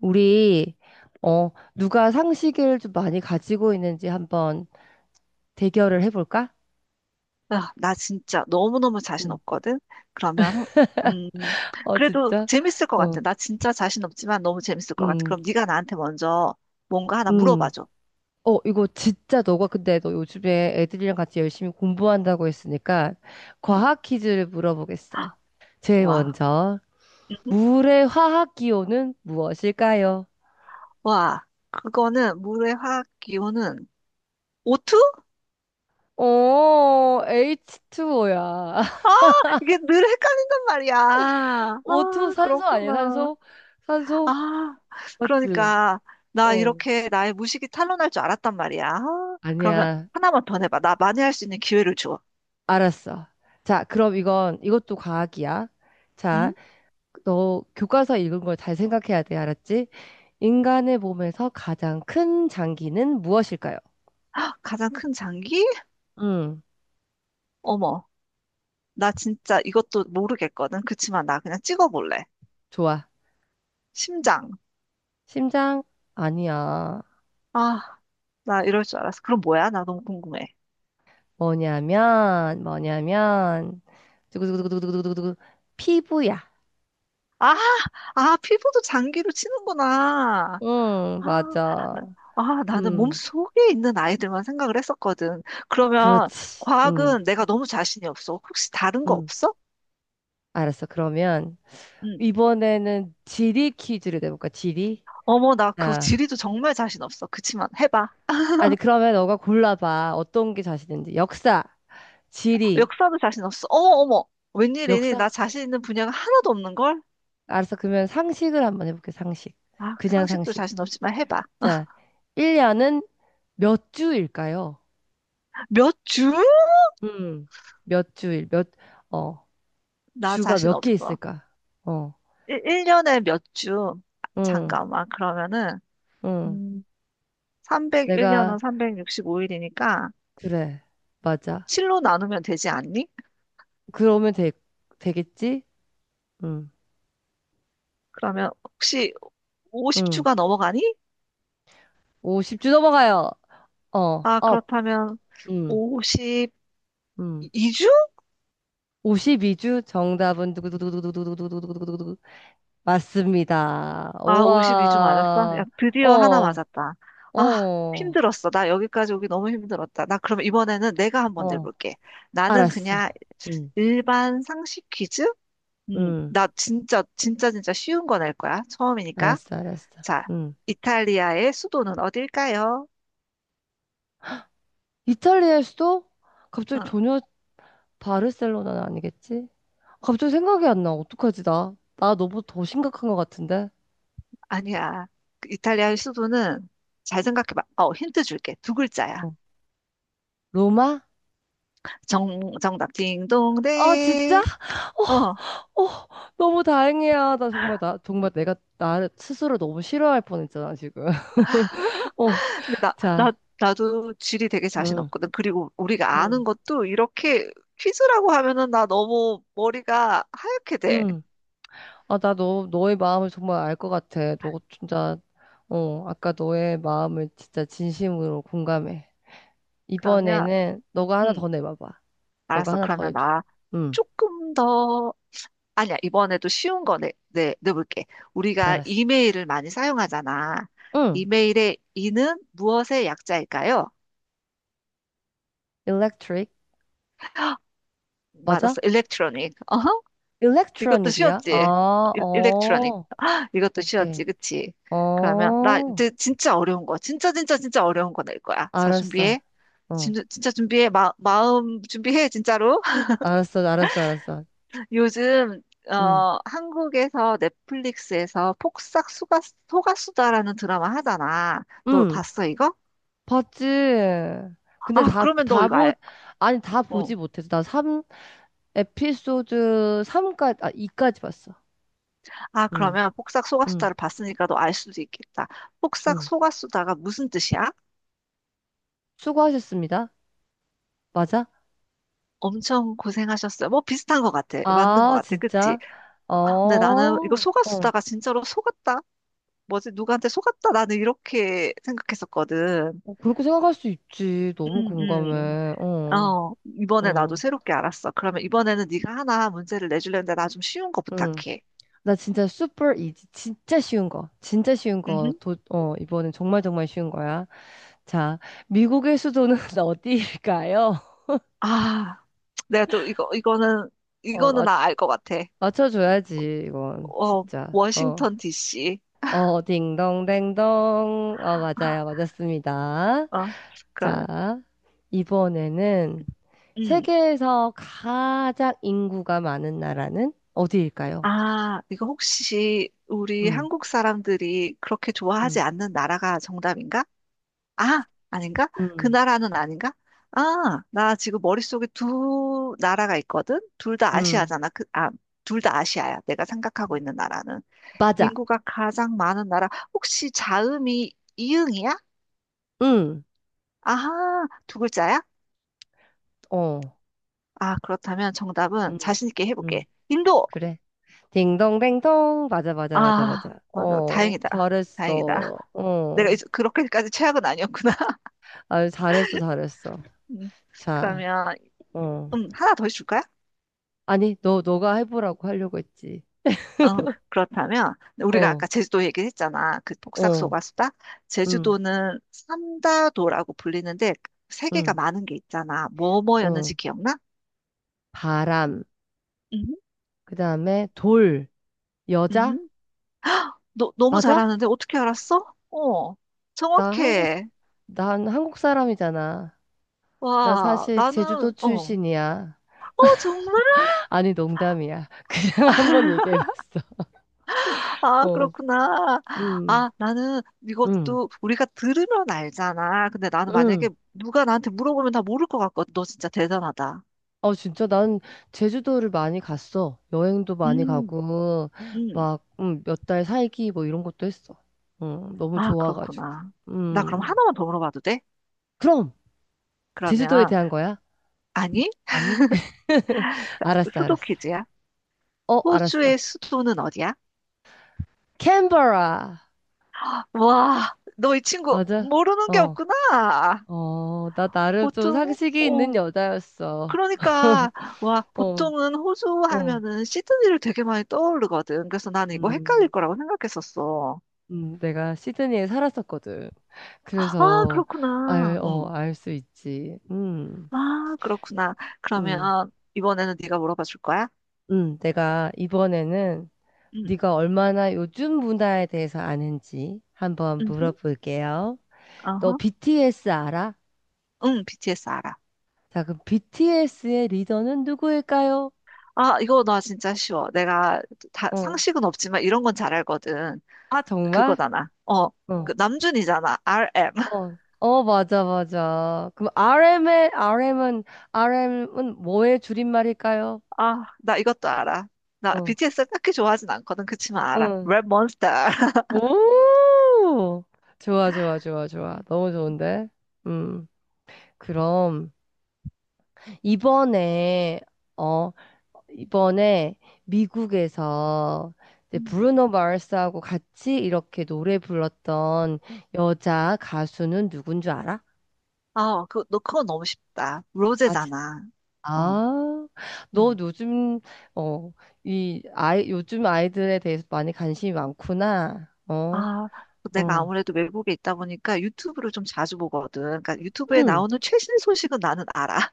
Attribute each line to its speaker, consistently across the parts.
Speaker 1: 우리 어 누가 상식을 좀 많이 가지고 있는지 한번 대결을 해볼까?
Speaker 2: 아, 나 진짜 너무너무 자신
Speaker 1: 음.
Speaker 2: 없거든? 그러면, 음,
Speaker 1: 어,
Speaker 2: 그래도
Speaker 1: 진짜?
Speaker 2: 재밌을 것
Speaker 1: 어.
Speaker 2: 같아. 나 진짜 자신 없지만 너무 재밌을 것 같아.
Speaker 1: 음.
Speaker 2: 그럼 네가 나한테 먼저 뭔가 하나
Speaker 1: 음.
Speaker 2: 물어봐줘.
Speaker 1: 어, 이거 진짜 너가 근데 너 요즘에 애들이랑 같이 열심히 공부한다고 했으니까
Speaker 2: 응,
Speaker 1: 과학 퀴즈를 물어보겠어. 제일
Speaker 2: 와,
Speaker 1: 먼저
Speaker 2: 음,
Speaker 1: 물의 화학 기호는 무엇일까요?
Speaker 2: 와, 그거는 물의 화학 기호는 O2?
Speaker 1: 어, H2O야.
Speaker 2: 아, 이게 늘 헷갈린단 말이야.
Speaker 1: O2
Speaker 2: 아,
Speaker 1: 산소 아니야?
Speaker 2: 그렇구나.
Speaker 1: 산소? 산소?
Speaker 2: 아,
Speaker 1: 맞지?
Speaker 2: 그러니까 나
Speaker 1: 어.
Speaker 2: 이렇게 나의 무식이 탄로날 줄 알았단 말이야. 아, 그러면
Speaker 1: 아니야.
Speaker 2: 하나만 더 내봐. 나 만회할 수 있는 기회를 줘.
Speaker 1: 알았어. 자, 그럼 이건, 이것도 과학이야.
Speaker 2: 응?
Speaker 1: 자, 너 교과서 읽은 걸 잘 생각해야 돼. 알았지? 인간의 몸에서 가장 큰 장기는 무엇일까요?
Speaker 2: 가장 큰 장기?
Speaker 1: 음,
Speaker 2: 어머, 나 진짜 이것도 모르겠거든. 그치만 나 그냥 찍어볼래.
Speaker 1: 좋아.
Speaker 2: 심장.
Speaker 1: 심장? 아니야.
Speaker 2: 아, 나 이럴 줄 알았어. 그럼 뭐야? 나 너무 궁금해.
Speaker 1: 뭐냐면, 두구두구두구두구두구두구, 피부야.
Speaker 2: 아, 아, 피부도 장기로 치는구나.
Speaker 1: 응,
Speaker 2: 아,
Speaker 1: 맞아.
Speaker 2: 나, 아, 나는 몸
Speaker 1: 음,
Speaker 2: 속에 있는 아이들만 생각을 했었거든. 그러면
Speaker 1: 그렇지.
Speaker 2: 과학은 내가 너무 자신이 없어. 혹시 다른 거
Speaker 1: 음.
Speaker 2: 없어?
Speaker 1: 알았어. 그러면,
Speaker 2: 응.
Speaker 1: 이번에는 지리 퀴즈를 내볼까? 지리?
Speaker 2: 어머, 나 그거
Speaker 1: 자.
Speaker 2: 지리도 정말 자신 없어. 그치만 해봐.
Speaker 1: 아니, 그러면 너가 골라봐. 어떤 게 자신 있는지. 역사, 지리,
Speaker 2: 역사도 자신 없어. 어머, 어머. 웬일이니?
Speaker 1: 역사?
Speaker 2: 나 자신 있는 분야가 하나도 없는 걸?
Speaker 1: 알았어. 그러면 상식을 한번 해볼게, 상식.
Speaker 2: 아,
Speaker 1: 그냥
Speaker 2: 상식도
Speaker 1: 상식.
Speaker 2: 자신 없지만 해봐.
Speaker 1: 자, 1년은 몇 주일까요?
Speaker 2: 몇 주?
Speaker 1: 음, 몇 주일, 몇, 어,
Speaker 2: 나
Speaker 1: 주가
Speaker 2: 자신
Speaker 1: 몇 개
Speaker 2: 없어.
Speaker 1: 있을까? 어,
Speaker 2: 일년에몇 주? 아,
Speaker 1: 응,
Speaker 2: 잠깐만. 그러면은,
Speaker 1: 응.
Speaker 2: 음,
Speaker 1: 내가,
Speaker 2: 301년은 365일이니까
Speaker 1: 그래, 맞아.
Speaker 2: 7로 나누면 되지 않니?
Speaker 1: 그러면 되겠지? 응,
Speaker 2: 그러면 혹시
Speaker 1: 응.
Speaker 2: 50주가 넘어가니?
Speaker 1: 50주 넘어가요. 어,
Speaker 2: 아,
Speaker 1: 업,
Speaker 2: 그렇다면
Speaker 1: 응,
Speaker 2: 52주?
Speaker 1: 응. 52주. 정답은 두구두구두구두구두구두구두구두구 맞습니다.
Speaker 2: 아, 52주 맞았어? 야,
Speaker 1: 우와.
Speaker 2: 드디어 하나
Speaker 1: 어,
Speaker 2: 맞았다. 아,
Speaker 1: 어,
Speaker 2: 힘들었어. 나 여기까지 오기 너무 힘들었다. 나 그럼 이번에는 내가 한번
Speaker 1: 어.
Speaker 2: 내볼게. 나는
Speaker 1: 알았어.
Speaker 2: 그냥
Speaker 1: 응,
Speaker 2: 일반 상식 퀴즈?
Speaker 1: 응.
Speaker 2: 나 진짜, 진짜, 진짜 쉬운 거 낼 거야. 처음이니까.
Speaker 1: 알았어, 알았어.
Speaker 2: 자,
Speaker 1: 응.
Speaker 2: 이탈리아의 수도는 어딜까요?
Speaker 1: 이탈리아일 수도? 갑자기
Speaker 2: 응,
Speaker 1: 전혀 바르셀로나는 아니겠지? 갑자기 생각이 안 나. 어떡하지, 나? 나 너무 더 심각한 것 같은데?
Speaker 2: 아니야. 그 이탈리아의 수도는 잘 생각해봐. 어, 힌트 줄게. 두 글자야.
Speaker 1: 어. 로마?
Speaker 2: 정답.
Speaker 1: 아, 진짜?
Speaker 2: 딩동댕. 어.
Speaker 1: 어, 어, 너무 다행이야. 나 정말 내가, 나 스스로 너무 싫어할 뻔했잖아, 지금. 어,
Speaker 2: 근데 나, 나,
Speaker 1: 자,
Speaker 2: 나도 지리 되게 자신
Speaker 1: 응,
Speaker 2: 없거든. 그리고 우리가
Speaker 1: 응,
Speaker 2: 아는 것도 이렇게 퀴즈라고 하면은 나 너무 머리가 하얗게 돼.
Speaker 1: 응. 아, 나 너의 마음을 정말 알 것 같아. 너 진짜, 어, 아까 너의 마음을 진짜 진심으로 공감해.
Speaker 2: 그러면,
Speaker 1: 이번에는 너가 하나
Speaker 2: 응,
Speaker 1: 더 내봐봐. 너가
Speaker 2: 알았어.
Speaker 1: 하나 더
Speaker 2: 그러면
Speaker 1: 해줘.
Speaker 2: 나
Speaker 1: 응,
Speaker 2: 조금 더, 아니야. 이번에도 쉬운 거 내볼게. 우리가
Speaker 1: 알았어.
Speaker 2: 이메일을 많이 사용하잖아.
Speaker 1: 응,
Speaker 2: 이메일의 이는 무엇의 약자일까요?
Speaker 1: electric.
Speaker 2: 맞았어.
Speaker 1: 맞아?
Speaker 2: 일렉트로닉. 어허? 이것도
Speaker 1: electronic이야?
Speaker 2: 쉬웠지?
Speaker 1: 아,
Speaker 2: 일렉트로닉.
Speaker 1: 어,
Speaker 2: 이것도
Speaker 1: 오케이.
Speaker 2: 쉬웠지, 그치? 그러면, 나
Speaker 1: 어,
Speaker 2: 이제 진짜 어려운 거. 진짜, 진짜, 진짜 어려운 거 낼 거야. 자,
Speaker 1: 알았어.
Speaker 2: 준비해.
Speaker 1: 어,
Speaker 2: 진짜, 진짜 준비해. 마음 준비해, 진짜로.
Speaker 1: 알았어.
Speaker 2: 요즘,
Speaker 1: 응,
Speaker 2: 어, 한국에서 넷플릭스에서 폭삭 소가수다라는 드라마 하잖아. 너
Speaker 1: 응,
Speaker 2: 봤어, 이거?
Speaker 1: 봤지. 근데
Speaker 2: 아,
Speaker 1: 다,
Speaker 2: 그러면 너
Speaker 1: 다
Speaker 2: 이거
Speaker 1: 보,
Speaker 2: 알,
Speaker 1: 아니, 다
Speaker 2: 어.
Speaker 1: 보지 못해서. 나 삼 에피소드 삼까지 아, 2까지 봤어.
Speaker 2: 아,
Speaker 1: 응,
Speaker 2: 그러면 폭삭
Speaker 1: 응,
Speaker 2: 소가수다를 봤으니까 너 알 수도 있겠다. 폭삭
Speaker 1: 응.
Speaker 2: 소가수다가 무슨 뜻이야?
Speaker 1: 수고하셨습니다. 맞아?
Speaker 2: 엄청 고생하셨어요. 뭐 비슷한 것 같아. 맞는 것
Speaker 1: 아,
Speaker 2: 같아. 그치?
Speaker 1: 진짜? 어,
Speaker 2: 근데 나는 이거
Speaker 1: 어.
Speaker 2: 속았다가 진짜로 속았다? 뭐지? 누구한테 속았다? 나는 이렇게 생각했었거든.
Speaker 1: 어, 그렇게 생각할 수 있지. 너무
Speaker 2: 음,
Speaker 1: 공감해.
Speaker 2: 음.
Speaker 1: 어,
Speaker 2: 어, 이번에 나도
Speaker 1: 어,
Speaker 2: 새롭게 알았어. 그러면 이번에는 네가 하나 문제를 내주려는데 나 좀 쉬운 거
Speaker 1: 응.
Speaker 2: 부탁해.
Speaker 1: 나 진짜 super easy. 진짜 쉬운 거. 진짜 쉬운 거.
Speaker 2: 음
Speaker 1: 이번엔 정말 정말 쉬운 거야. 자, 미국의 수도는 어디일까요?
Speaker 2: 아, 내가 또 이거, 이거는,
Speaker 1: 어,
Speaker 2: 이거는 나 알 것 같아.
Speaker 1: 맞춰줘야지, 이건.
Speaker 2: 어,
Speaker 1: 진짜. 어.
Speaker 2: 워싱턴 DC.
Speaker 1: 어, 딩동댕동. 어, 맞아요. 맞았습니다.
Speaker 2: 어, 그러면.
Speaker 1: 자, 이번에는
Speaker 2: 음.
Speaker 1: 세계에서 가장 인구가 많은 나라는 어디일까요?
Speaker 2: 아, 이거 혹시 우리
Speaker 1: 음,
Speaker 2: 한국 사람들이 그렇게 좋아하지
Speaker 1: 음,
Speaker 2: 않는 나라가 정답인가? 아, 아닌가? 그
Speaker 1: 음,
Speaker 2: 나라는 아닌가? 아, 나 지금 머릿속에 두 나라가 있거든? 둘 다
Speaker 1: 음.
Speaker 2: 아시아잖아. 둘 다 아시아야. 내가 생각하고 있는 나라는.
Speaker 1: 맞아.
Speaker 2: 인구가 가장 많은 나라. 혹시 자음이 이응이야?
Speaker 1: 음,
Speaker 2: 아하, 두 글자야?
Speaker 1: 어,
Speaker 2: 아, 그렇다면 정답은
Speaker 1: 음,
Speaker 2: 자신 있게
Speaker 1: 음.
Speaker 2: 해볼게. 인도!
Speaker 1: 그래. 딩동댕동. 맞아, 맞아, 맞아,
Speaker 2: 아,
Speaker 1: 맞아.
Speaker 2: 맞아.
Speaker 1: 어,
Speaker 2: 다행이다. 다행이다.
Speaker 1: 잘했어.
Speaker 2: 내가
Speaker 1: 어,
Speaker 2: 이제 그렇게까지 최악은 아니었구나.
Speaker 1: 아, 잘했어, 잘했어.
Speaker 2: 음,
Speaker 1: 자,
Speaker 2: 그러면,
Speaker 1: 어.
Speaker 2: 하나 더 해줄까?
Speaker 1: 아니, 너가 해보라고 하려고 했지.
Speaker 2: 어, 그렇다면 우리가
Speaker 1: 어,
Speaker 2: 아까 제주도 얘기했잖아. 그
Speaker 1: 어,
Speaker 2: 폭삭소가수다.
Speaker 1: 응,
Speaker 2: 제주도는 삼다도라고 불리는데 세계가
Speaker 1: 응,
Speaker 2: 많은 게 있잖아. 뭐뭐였는지
Speaker 1: 응.
Speaker 2: 기억나?
Speaker 1: 바람.
Speaker 2: 음,
Speaker 1: 그 다음에 돌. 여자?
Speaker 2: 음. 너무
Speaker 1: 맞아?
Speaker 2: 잘하는데 어떻게 알았어? 어,
Speaker 1: 나 한국,
Speaker 2: 정확해.
Speaker 1: 난 한국 사람이잖아. 나
Speaker 2: 와,
Speaker 1: 사실
Speaker 2: 나는
Speaker 1: 제주도
Speaker 2: 어, 어
Speaker 1: 출신이야.
Speaker 2: 정말?
Speaker 1: 아니, 농담이야. 그냥 한번 얘기해봤어.
Speaker 2: 아,
Speaker 1: 어,
Speaker 2: 그렇구나.
Speaker 1: 응,
Speaker 2: 아, 나는
Speaker 1: 응,
Speaker 2: 이것도 우리가 들으면 알잖아. 근데 나는
Speaker 1: 응.
Speaker 2: 만약에 누가 나한테 물어보면 다 모를 것 같거든. 너 진짜 대단하다.
Speaker 1: 어, 진짜 난 제주도를 많이 갔어. 여행도 많이
Speaker 2: 음,
Speaker 1: 가고,
Speaker 2: 음.
Speaker 1: 막, 몇 달 살기 뭐 이런 것도 했어. 너무
Speaker 2: 아,
Speaker 1: 좋아가지고.
Speaker 2: 그렇구나. 나 그럼
Speaker 1: 음,
Speaker 2: 하나만 더 물어봐도 돼?
Speaker 1: 그럼, 제주도에
Speaker 2: 그러면,
Speaker 1: 대한 거야?
Speaker 2: 아니,
Speaker 1: 아니? 알았어,
Speaker 2: 수도
Speaker 1: 알았어.
Speaker 2: 퀴즈야.
Speaker 1: 어, 알았어.
Speaker 2: 호주의 수도는 어디야?
Speaker 1: 캔버라.
Speaker 2: 와, 너 이 친구
Speaker 1: 맞아?
Speaker 2: 모르는 게
Speaker 1: 어,
Speaker 2: 없구나.
Speaker 1: 어, 나 나름 좀 상식이 있는
Speaker 2: 오,
Speaker 1: 여자였어.
Speaker 2: 그러니까, 와,
Speaker 1: 어,
Speaker 2: 보통은 호주
Speaker 1: 어,
Speaker 2: 하면은 시드니를 되게 많이 떠오르거든. 그래서 나는 이거 헷갈릴
Speaker 1: 음,
Speaker 2: 거라고 생각했었어.
Speaker 1: 내가 시드니에 살았었거든.
Speaker 2: 아,
Speaker 1: 그래서,
Speaker 2: 그렇구나. 응.
Speaker 1: 알 수 있지. 음.
Speaker 2: 아, 그렇구나.
Speaker 1: 음,
Speaker 2: 그러면 이번에는 네가 물어봐 줄 거야?
Speaker 1: 내가 이번에는
Speaker 2: 응.
Speaker 1: 네가 얼마나 요즘 문화에 대해서 아는지 한번
Speaker 2: 응
Speaker 1: 물어볼게요. 너
Speaker 2: 어허.
Speaker 1: BTS 알아?
Speaker 2: 응, BTS 알아.
Speaker 1: 자, 그럼 BTS의 리더는 누구일까요?
Speaker 2: 아, 이거 나 진짜 쉬워. 내가 다,
Speaker 1: 어.
Speaker 2: 상식은 없지만 이런 건 잘 알거든.
Speaker 1: 아, 정말?
Speaker 2: 그거잖아. 어,
Speaker 1: 어.
Speaker 2: 그 남준이잖아. RM.
Speaker 1: 어, 어, 맞아, 맞아. 그럼 RM은 뭐의 줄임말일까요?
Speaker 2: 아, 나 이것도 알아. 나
Speaker 1: 어,
Speaker 2: BTS를 딱히 좋아하진 않거든. 그치만 알아.
Speaker 1: 응.
Speaker 2: 레몬스터.
Speaker 1: 오! 좋아, 좋아, 좋아, 좋아. 너무 좋은데? 음, 그럼. 이번에 어 이번에 미국에서 이제
Speaker 2: 음.
Speaker 1: 브루노 마르스하고 같이 이렇게 노래 불렀던 여자 가수는 누군 줄 알아?
Speaker 2: 아, 너 그건 너무 쉽다.
Speaker 1: 아, 진-
Speaker 2: 로제잖아. 어,
Speaker 1: 아, 너
Speaker 2: 음.
Speaker 1: 요즘 어, 이 아이 요즘 아이들에 대해서 많이 관심이 많구나. 어,
Speaker 2: 아, 내가
Speaker 1: 어,
Speaker 2: 아무래도 외국에 있다 보니까 유튜브를 좀 자주 보거든. 그러니까 유튜브에
Speaker 1: 응.
Speaker 2: 나오는 최신 소식은 나는 알아.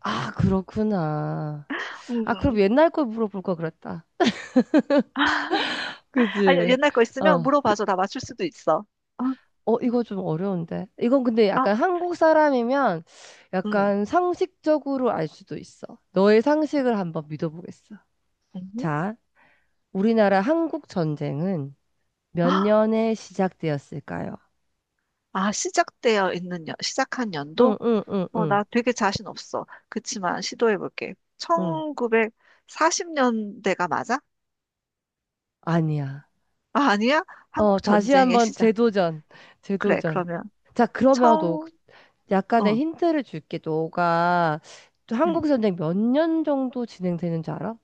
Speaker 1: 아, 그렇구나. 아, 그럼
Speaker 2: 음.
Speaker 1: 옛날 걸 물어볼 걸 그랬다.
Speaker 2: 아니,
Speaker 1: 그지?
Speaker 2: 옛날 거 있으면
Speaker 1: 어,
Speaker 2: 물어봐줘. 나 맞출 수도 있어. 어?
Speaker 1: 어, 이거 좀 어려운데. 이건 근데
Speaker 2: 아,
Speaker 1: 약간 한국 사람이면
Speaker 2: 응.
Speaker 1: 약간 상식적으로 알 수도 있어. 너의 상식을 한번 믿어보겠어.
Speaker 2: 응?
Speaker 1: 자, 우리나라 한국 전쟁은 몇
Speaker 2: 아,
Speaker 1: 년에 시작되었을까요?
Speaker 2: 아, 시작한
Speaker 1: 응,
Speaker 2: 연도?
Speaker 1: 응, 응,
Speaker 2: 어,
Speaker 1: 응,
Speaker 2: 나 되게 자신 없어. 그치만 시도해볼게.
Speaker 1: 응.
Speaker 2: 1940년대가 맞아?
Speaker 1: 아니야.
Speaker 2: 아, 아니야?
Speaker 1: 어,
Speaker 2: 한국
Speaker 1: 다시
Speaker 2: 전쟁의
Speaker 1: 한번
Speaker 2: 시작.
Speaker 1: 재도전.
Speaker 2: 그래,
Speaker 1: 재도전.
Speaker 2: 그러면.
Speaker 1: 자, 그러면 너
Speaker 2: 청,
Speaker 1: 약간의
Speaker 2: 응,
Speaker 1: 힌트를 줄게. 너가
Speaker 2: 응.
Speaker 1: 한국 전쟁 몇 년 정도 진행되는지 알아?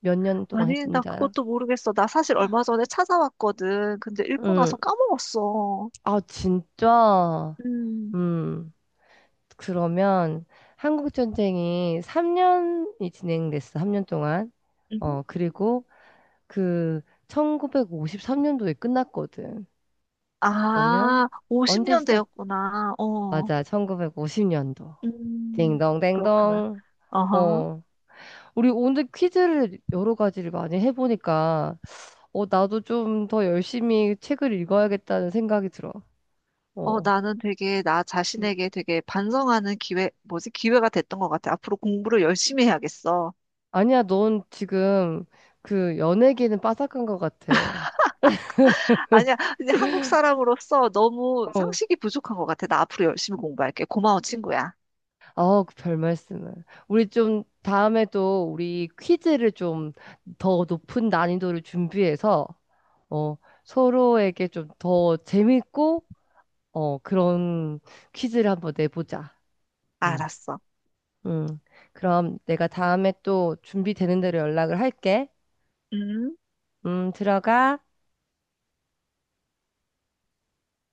Speaker 1: 몇 년 동안
Speaker 2: 아니, 나
Speaker 1: 했는지 알아?
Speaker 2: 그것도 모르겠어. 나 사실 얼마 전에 찾아왔거든. 근데 읽고
Speaker 1: 응,
Speaker 2: 나서 까먹었어.
Speaker 1: 아, 진짜?
Speaker 2: 음,
Speaker 1: 음, 그러면 한국전쟁이 3년이 진행됐어, 3년 동안.
Speaker 2: 음흠.
Speaker 1: 어, 그리고 그 1953년도에 끝났거든. 그러면
Speaker 2: 아,
Speaker 1: 언제 시작?
Speaker 2: 50년대였구나. 어,
Speaker 1: 맞아, 1950년도.
Speaker 2: 음, 그렇구나.
Speaker 1: 딩동댕동.
Speaker 2: 어허
Speaker 1: 어, 우리 오늘 퀴즈를 여러 가지를 많이 해보니까, 어, 나도 좀 더 열심히 책을 읽어야겠다는 생각이 들어. 어.
Speaker 2: 나는 되게 나 자신에게 되게 반성하는 기회, 뭐지, 기회가 됐던 것 같아. 앞으로 공부를 열심히 해야겠어.
Speaker 1: 아니야, 넌 지금 그 연예계는 빠삭한 것 같아.
Speaker 2: 아니야, 근데 한국 사람으로서 너무
Speaker 1: 어.
Speaker 2: 상식이 부족한 것 같아. 나 앞으로 열심히 공부할게. 고마워, 친구야.
Speaker 1: 아, 그 별 말씀을. 우리 좀 다음에 또 우리 퀴즈를 좀 더 높은 난이도를 준비해서 어, 서로에게 좀 더 재밌고 어, 그런 퀴즈를 한번 내보자. 음.
Speaker 2: 알았어.
Speaker 1: 음. 그럼 내가 다음에 또 준비되는 대로 연락을 할게.
Speaker 2: 음.
Speaker 1: 들어가.